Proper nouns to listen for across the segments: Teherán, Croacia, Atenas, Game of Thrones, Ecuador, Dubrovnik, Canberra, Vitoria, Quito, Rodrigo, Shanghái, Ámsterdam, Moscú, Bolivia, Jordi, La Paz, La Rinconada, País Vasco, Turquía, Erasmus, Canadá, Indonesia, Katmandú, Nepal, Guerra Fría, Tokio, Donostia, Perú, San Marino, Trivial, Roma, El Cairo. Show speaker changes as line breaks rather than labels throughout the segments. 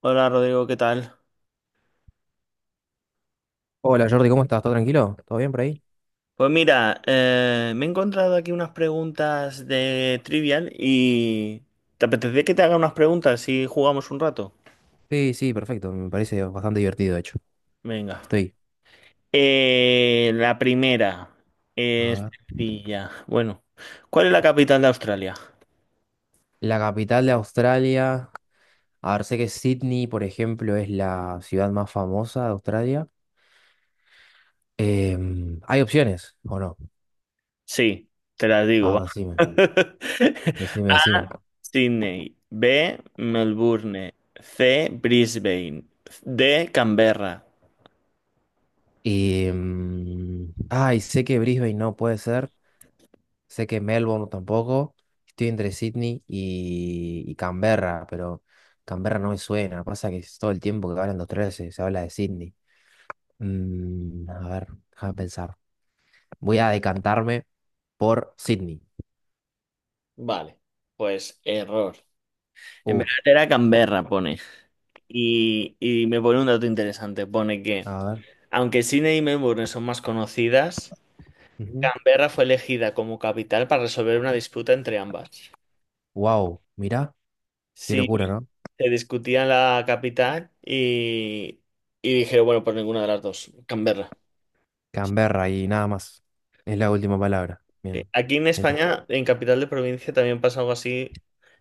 Hola Rodrigo, ¿qué tal?
Hola Jordi, ¿cómo estás? ¿Todo tranquilo? ¿Todo bien por ahí?
Pues mira, me he encontrado aquí unas preguntas de Trivial y ¿te apetece que te haga unas preguntas si jugamos un rato?
Sí, sí, perfecto. Me parece bastante divertido, de hecho.
Venga.
Estoy.
La primera
A
es
ver.
sencilla. Bueno, ¿cuál es la capital de Australia?
La capital de Australia. A ver, sé que Sydney, por ejemplo, es la ciudad más famosa de Australia. ¿Hay opciones o no?
Sí, te las digo, va.
Ahora decime, decime, decime.
A, Sydney. B, Melbourne. C, Brisbane. D, Canberra.
Y, ay, sé que Brisbane no puede ser. Sé que Melbourne tampoco. Estoy entre Sydney y Canberra, pero Canberra no me suena. Pasa que es todo el tiempo que hablan de Australia se habla de Sydney. A ver, déjame pensar. Voy a decantarme por Sydney.
Vale, pues error. En verdad
Uf,
era Canberra, pone. Y me pone un dato interesante. Pone que,
a ver.
aunque Sydney y Melbourne son más conocidas, Canberra fue elegida como capital para resolver una disputa entre ambas.
Wow, mirá, qué
Sí,
locura, ¿no?
se discutía la capital y dijeron, bueno, pues ninguna de las dos, Canberra.
Canberra y nada más. Es la última palabra.
Sí.
Bien.
Aquí en
Mirá.
España, en Capital de Provincia, también pasa algo así.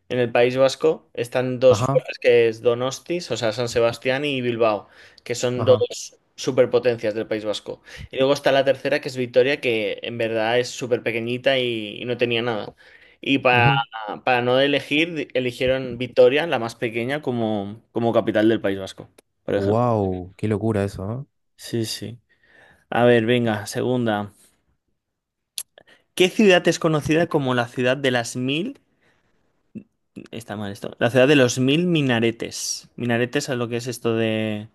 En el País Vasco están dos
Ajá,
ciudades que es Donostis, o sea, San Sebastián y Bilbao, que son
ajá.
dos superpotencias del País Vasco. Y luego está la tercera, que es Vitoria, que en verdad es súper pequeñita y no tenía nada. Y para, para no elegir, eligieron Vitoria, la más pequeña, como, como capital del País Vasco, por ejemplo.
Wow, qué locura eso, ¿no?
Sí, sí. A ver, venga, segunda. ¿Qué ciudad es conocida como la ciudad de las mil? Está mal esto. La ciudad de los mil minaretes. Minaretes es lo que es esto de.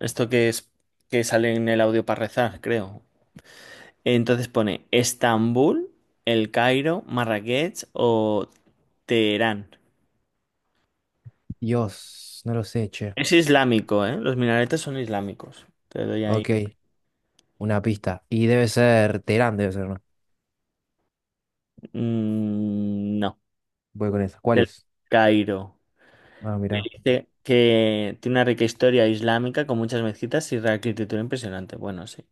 Esto que es, que sale en el audio para rezar, creo. Entonces pone Estambul, El Cairo, Marrakech o Teherán.
Dios, no lo sé, che.
Es islámico, ¿eh? Los minaretes son islámicos. Te doy ahí.
Ok, una pista. Y debe ser Teherán, debe ser, ¿no?
Mm, no.
Voy con esa. ¿Cuál
El
es?
Cairo.
Ah, mirá.
Dice que tiene una rica historia islámica con muchas mezquitas y arquitectura impresionante. Bueno, sí.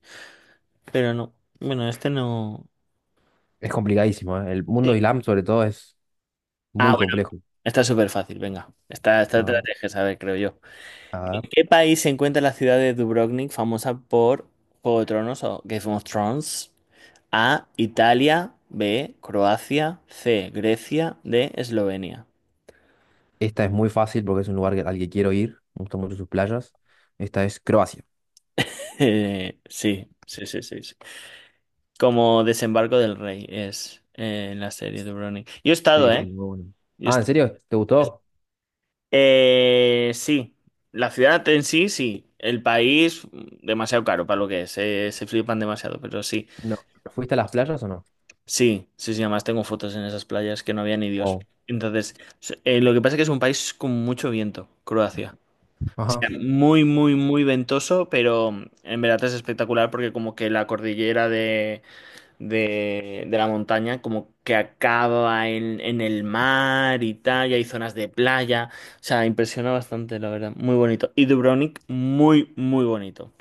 Pero no. Bueno, este no.
Es complicadísimo, ¿eh? El mundo
Sí.
islam, sobre todo, es muy
Ah,
complejo.
Está súper fácil, venga. Esta te
A
la
ver,
tienes que saber, creo yo.
a
¿En
ver.
qué país se encuentra la ciudad de Dubrovnik, famosa por Juego de Tronos o Game of Thrones? A, Italia, B, Croacia, C, Grecia, D, Eslovenia.
Esta es muy fácil porque es un lugar que- al que quiero ir. Me gustan mucho sus playas. Esta es Croacia.
Sí, sí, sí, sí, sí. Como Desembarco del Rey es en la serie de Dubrovnik. Yo he estado,
Sí, sí,
¿eh?
muy bueno.
Yo he
Ah,
est-
¿en serio? ¿Te gustó?
Sí, la ciudad en sí, sí. El país, mm, demasiado caro para lo que es. Se flipan demasiado, pero sí.
No. ¿Fuiste a las playas o no?
Sí, sí, sí, además tengo fotos en esas playas que no había ni Dios.
Wow.
Entonces, lo que pasa es que es un país con mucho viento, Croacia. O
Ajá.
sea, muy, muy, muy ventoso, pero mm, en verdad es espectacular porque como que la cordillera de la montaña como que acaba en el mar y tal, y hay zonas de playa. O sea, impresiona bastante, la verdad. Muy bonito. Y Dubrovnik, muy, muy bonito.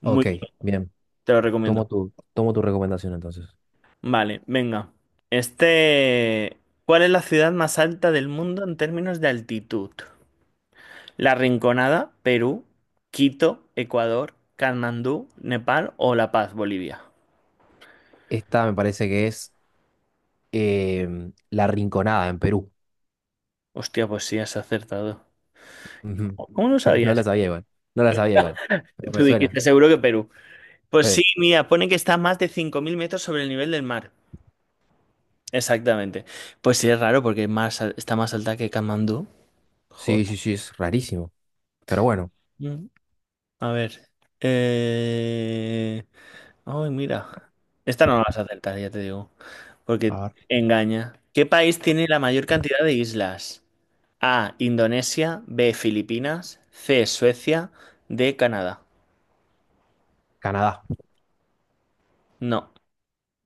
Muy,
Ok, bien.
te lo recomiendo.
Tomo tu recomendación entonces.
Vale, venga. Este, ¿cuál es la ciudad más alta del mundo en términos de altitud? La Rinconada, Perú, Quito, Ecuador, Katmandú, Nepal o La Paz, Bolivia.
Esta me parece que es La Rinconada en Perú.
Hostia, pues sí, has acertado.
Ujú.
¿Cómo no
No la
sabías?
sabía igual. No la sabía igual. Pero me
Tú
suena.
dijiste seguro que Perú. Pues sí,
Eh,
mira, pone que está a más de 5000 metros sobre el nivel del mar. Exactamente. Pues sí, es raro porque más, está más alta que Katmandú. Joder.
Sí, sí, sí, es rarísimo. Pero bueno.
Mm. A ver. Eh... Ay, mira. Esta no la vas a acertar, ya te digo. Porque
A ver.
engaña. ¿Qué país tiene la mayor cantidad de islas? A. Indonesia. B. Filipinas. C. Suecia. D. Canadá.
Canadá.
No.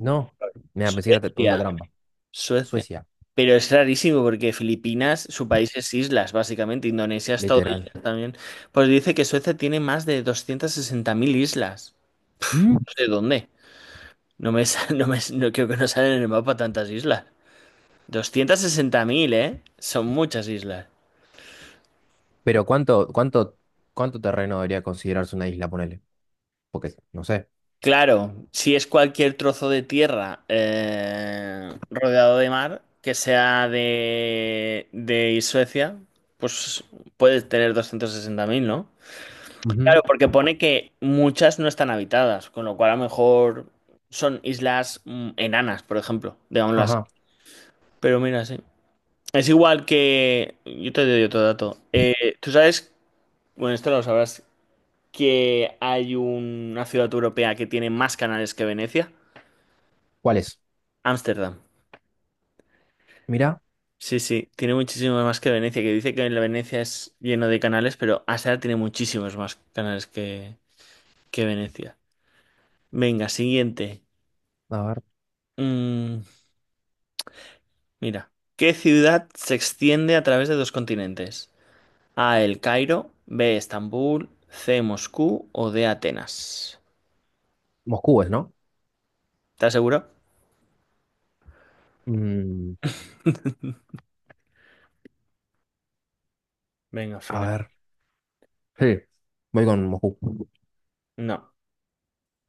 No. Me pensé que era te- pregunta
Suecia.
trampa.
Suecia.
Suecia,
Pero es rarísimo porque Filipinas, su país es islas, básicamente. Indonesia es todo
literal.
islas también. Pues dice que Suecia tiene más de 260 000 islas.
Mm.
No sé dónde. No creo que no salen en el mapa tantas islas. 260 000, ¿eh? Son muchas islas.
Pero ¿cuánto terreno debería considerarse una isla, ponele? Porque, no sé.
Claro, si es cualquier trozo de tierra rodeado de mar, que sea de Suecia, pues puedes tener 260 000, ¿no?
Ujú.
Claro, porque pone que muchas no están habitadas, con lo cual a lo mejor son islas mm, enanas, por ejemplo, digámoslo así.
Ajá.
Pero mira, sí. Es igual que... Yo te doy otro dato. Tú sabes, bueno, esto lo sabrás, que hay una ciudad europea que tiene más canales que Venecia?
¿Cuál es?
Ámsterdam.
Mirá,
Sí, sí, tiene muchísimos más que Venecia, que dice que la Venecia es lleno de canales, pero Ámsterdam tiene muchísimos más canales que Venecia. Venga, siguiente.
a ver.
Mm, mira, ¿qué ciudad se extiende a través de dos continentes? A, El Cairo, B, Estambul, C, Moscú o D, Atenas.
Moscú es, ¿no?
¿Estás seguro?
Mm,
Venga,
a
final.
ver. Sí. Voy con Moscú.
No,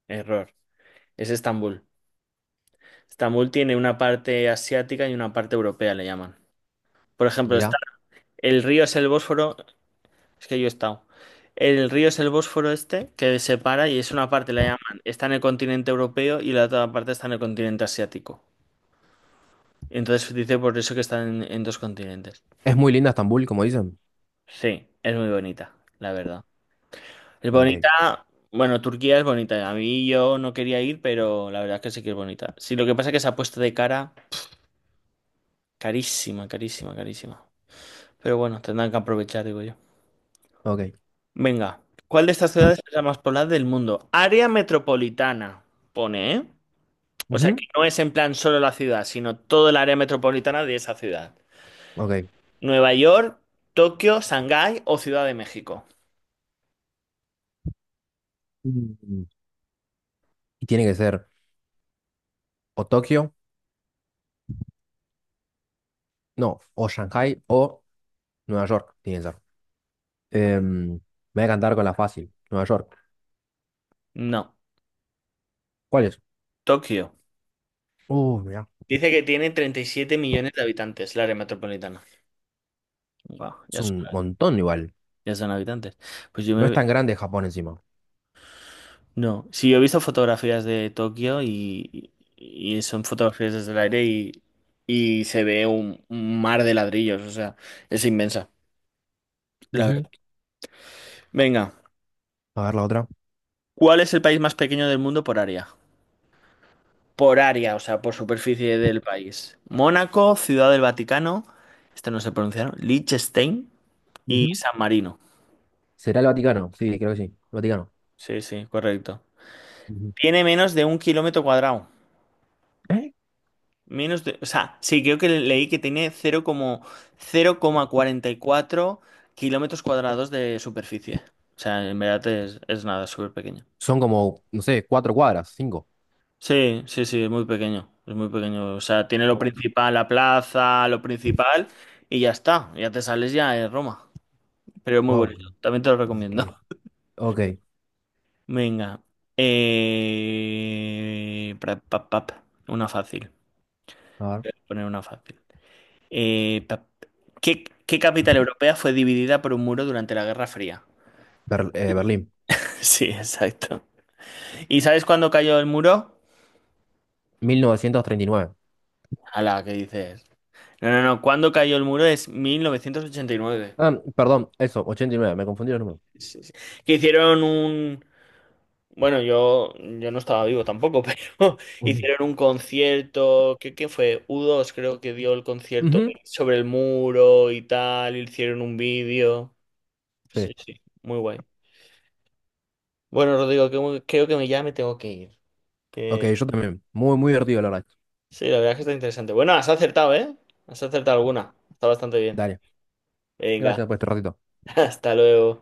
error. Es Estambul. Estambul tiene una parte asiática y una parte europea, le llaman. Por ejemplo,
Mira,
está, el río es el Bósforo, es que yo he estado. El río es el Bósforo este, que separa y es una parte, la llaman, está en el continente europeo y la otra parte está en el continente asiático. Entonces se dice por eso que está en dos continentes.
es muy linda Estambul, como dicen.
Sí, es muy bonita, la verdad. Es
Ok,
bonita, bueno, Turquía es bonita. A mí yo no quería ir, pero la verdad es que sí que es bonita. Sí, lo que pasa es que se ha puesto de cara carísima, carísima, carísima. Pero bueno, tendrán que aprovechar, digo yo.
ok,
Venga, ¿cuál de estas ciudades es la más poblada del mundo? Área metropolitana, pone, ¿eh? O sea, que
ujú.
no es en plan solo la ciudad, sino todo el área metropolitana de esa ciudad.
Ok.
Nueva York, Tokio, Shanghái o Ciudad de México.
Mm. Y tiene que ser o Tokio, no, o Shanghai o Nueva York, tiene que ser. Em, me voy a cantar con la fácil. Nueva York.
No,
¿Cuál es?
Tokio.
Mirá.
Dice que tiene 37 millones de habitantes, el área metropolitana. Wow,
Es un montón igual.
ya son habitantes. Pues yo
No es
me,
tan grande Japón encima.
no, sí, yo he visto fotografías de Tokio y son fotografías desde el aire y se ve un mar de ladrillos, o sea, es inmensa, la verdad. Venga,
A ver la otra.
¿cuál es el país más pequeño del mundo por área? Por área, o sea, por superficie del país. Mónaco, Ciudad del Vaticano, este no se pronunciaron, Liechtenstein y
Ujú,
San Marino.
¿será el Vaticano? Sí, creo que sí. El Vaticano.
Sí, sí, correcto.
Ujú.
Tiene menos de 1 kilómetro cuadrado.
¿Eh?
Menos de, o sea, sí, creo que leí que tiene 0, como 4 kilómetros cuadrados de superficie. O sea, en verdad es nada, es súper pequeño.
Son como, no sé, cuatro cuadras, cinco.
Sí, sí, sí, es muy pequeño. Es muy pequeño. O sea, tiene lo
Wow,
principal, la plaza, lo principal, y ya está. Ya te sales ya de Roma. Pero es muy
wow,
bonito. También te lo recomiendo.
increíble. Ok,
Venga. Pra- pa- pa- pa. Una fácil.
a ver.
Poner una fácil. Eh, pa- ¿Qué, qué capital europea fue dividida por un muro durante la Guerra Fría?
Ber- Berlín,
Sí, exacto. ¿Y sabes cuándo cayó el muro?
1939.
Ala, ¿qué dices? No, no, no. ¿Cuándo cayó el muro? Es 1989.
Ah, perdón, eso, 89, me confundí los números.
Sí, sí. Que hicieron un... Bueno, yo no estaba vivo tampoco, pero
Ujú.
hicieron un concierto, ¿qué, qué fue? U dos, creo que dio el concierto
Ujú,
sobre el muro y tal, hicieron un vídeo. Sí,
sí,
sí, muy guay. Bueno, Rodrigo, que- creo que ya me tengo que ir.
ok,
Que
yo también. Muy, muy divertido, la verdad.
sí, la verdad es que está interesante. Bueno, has acertado, ¿eh? Has acertado alguna. Está bastante bien.
Dale,
Venga,
gracias por este ratito.
hasta luego.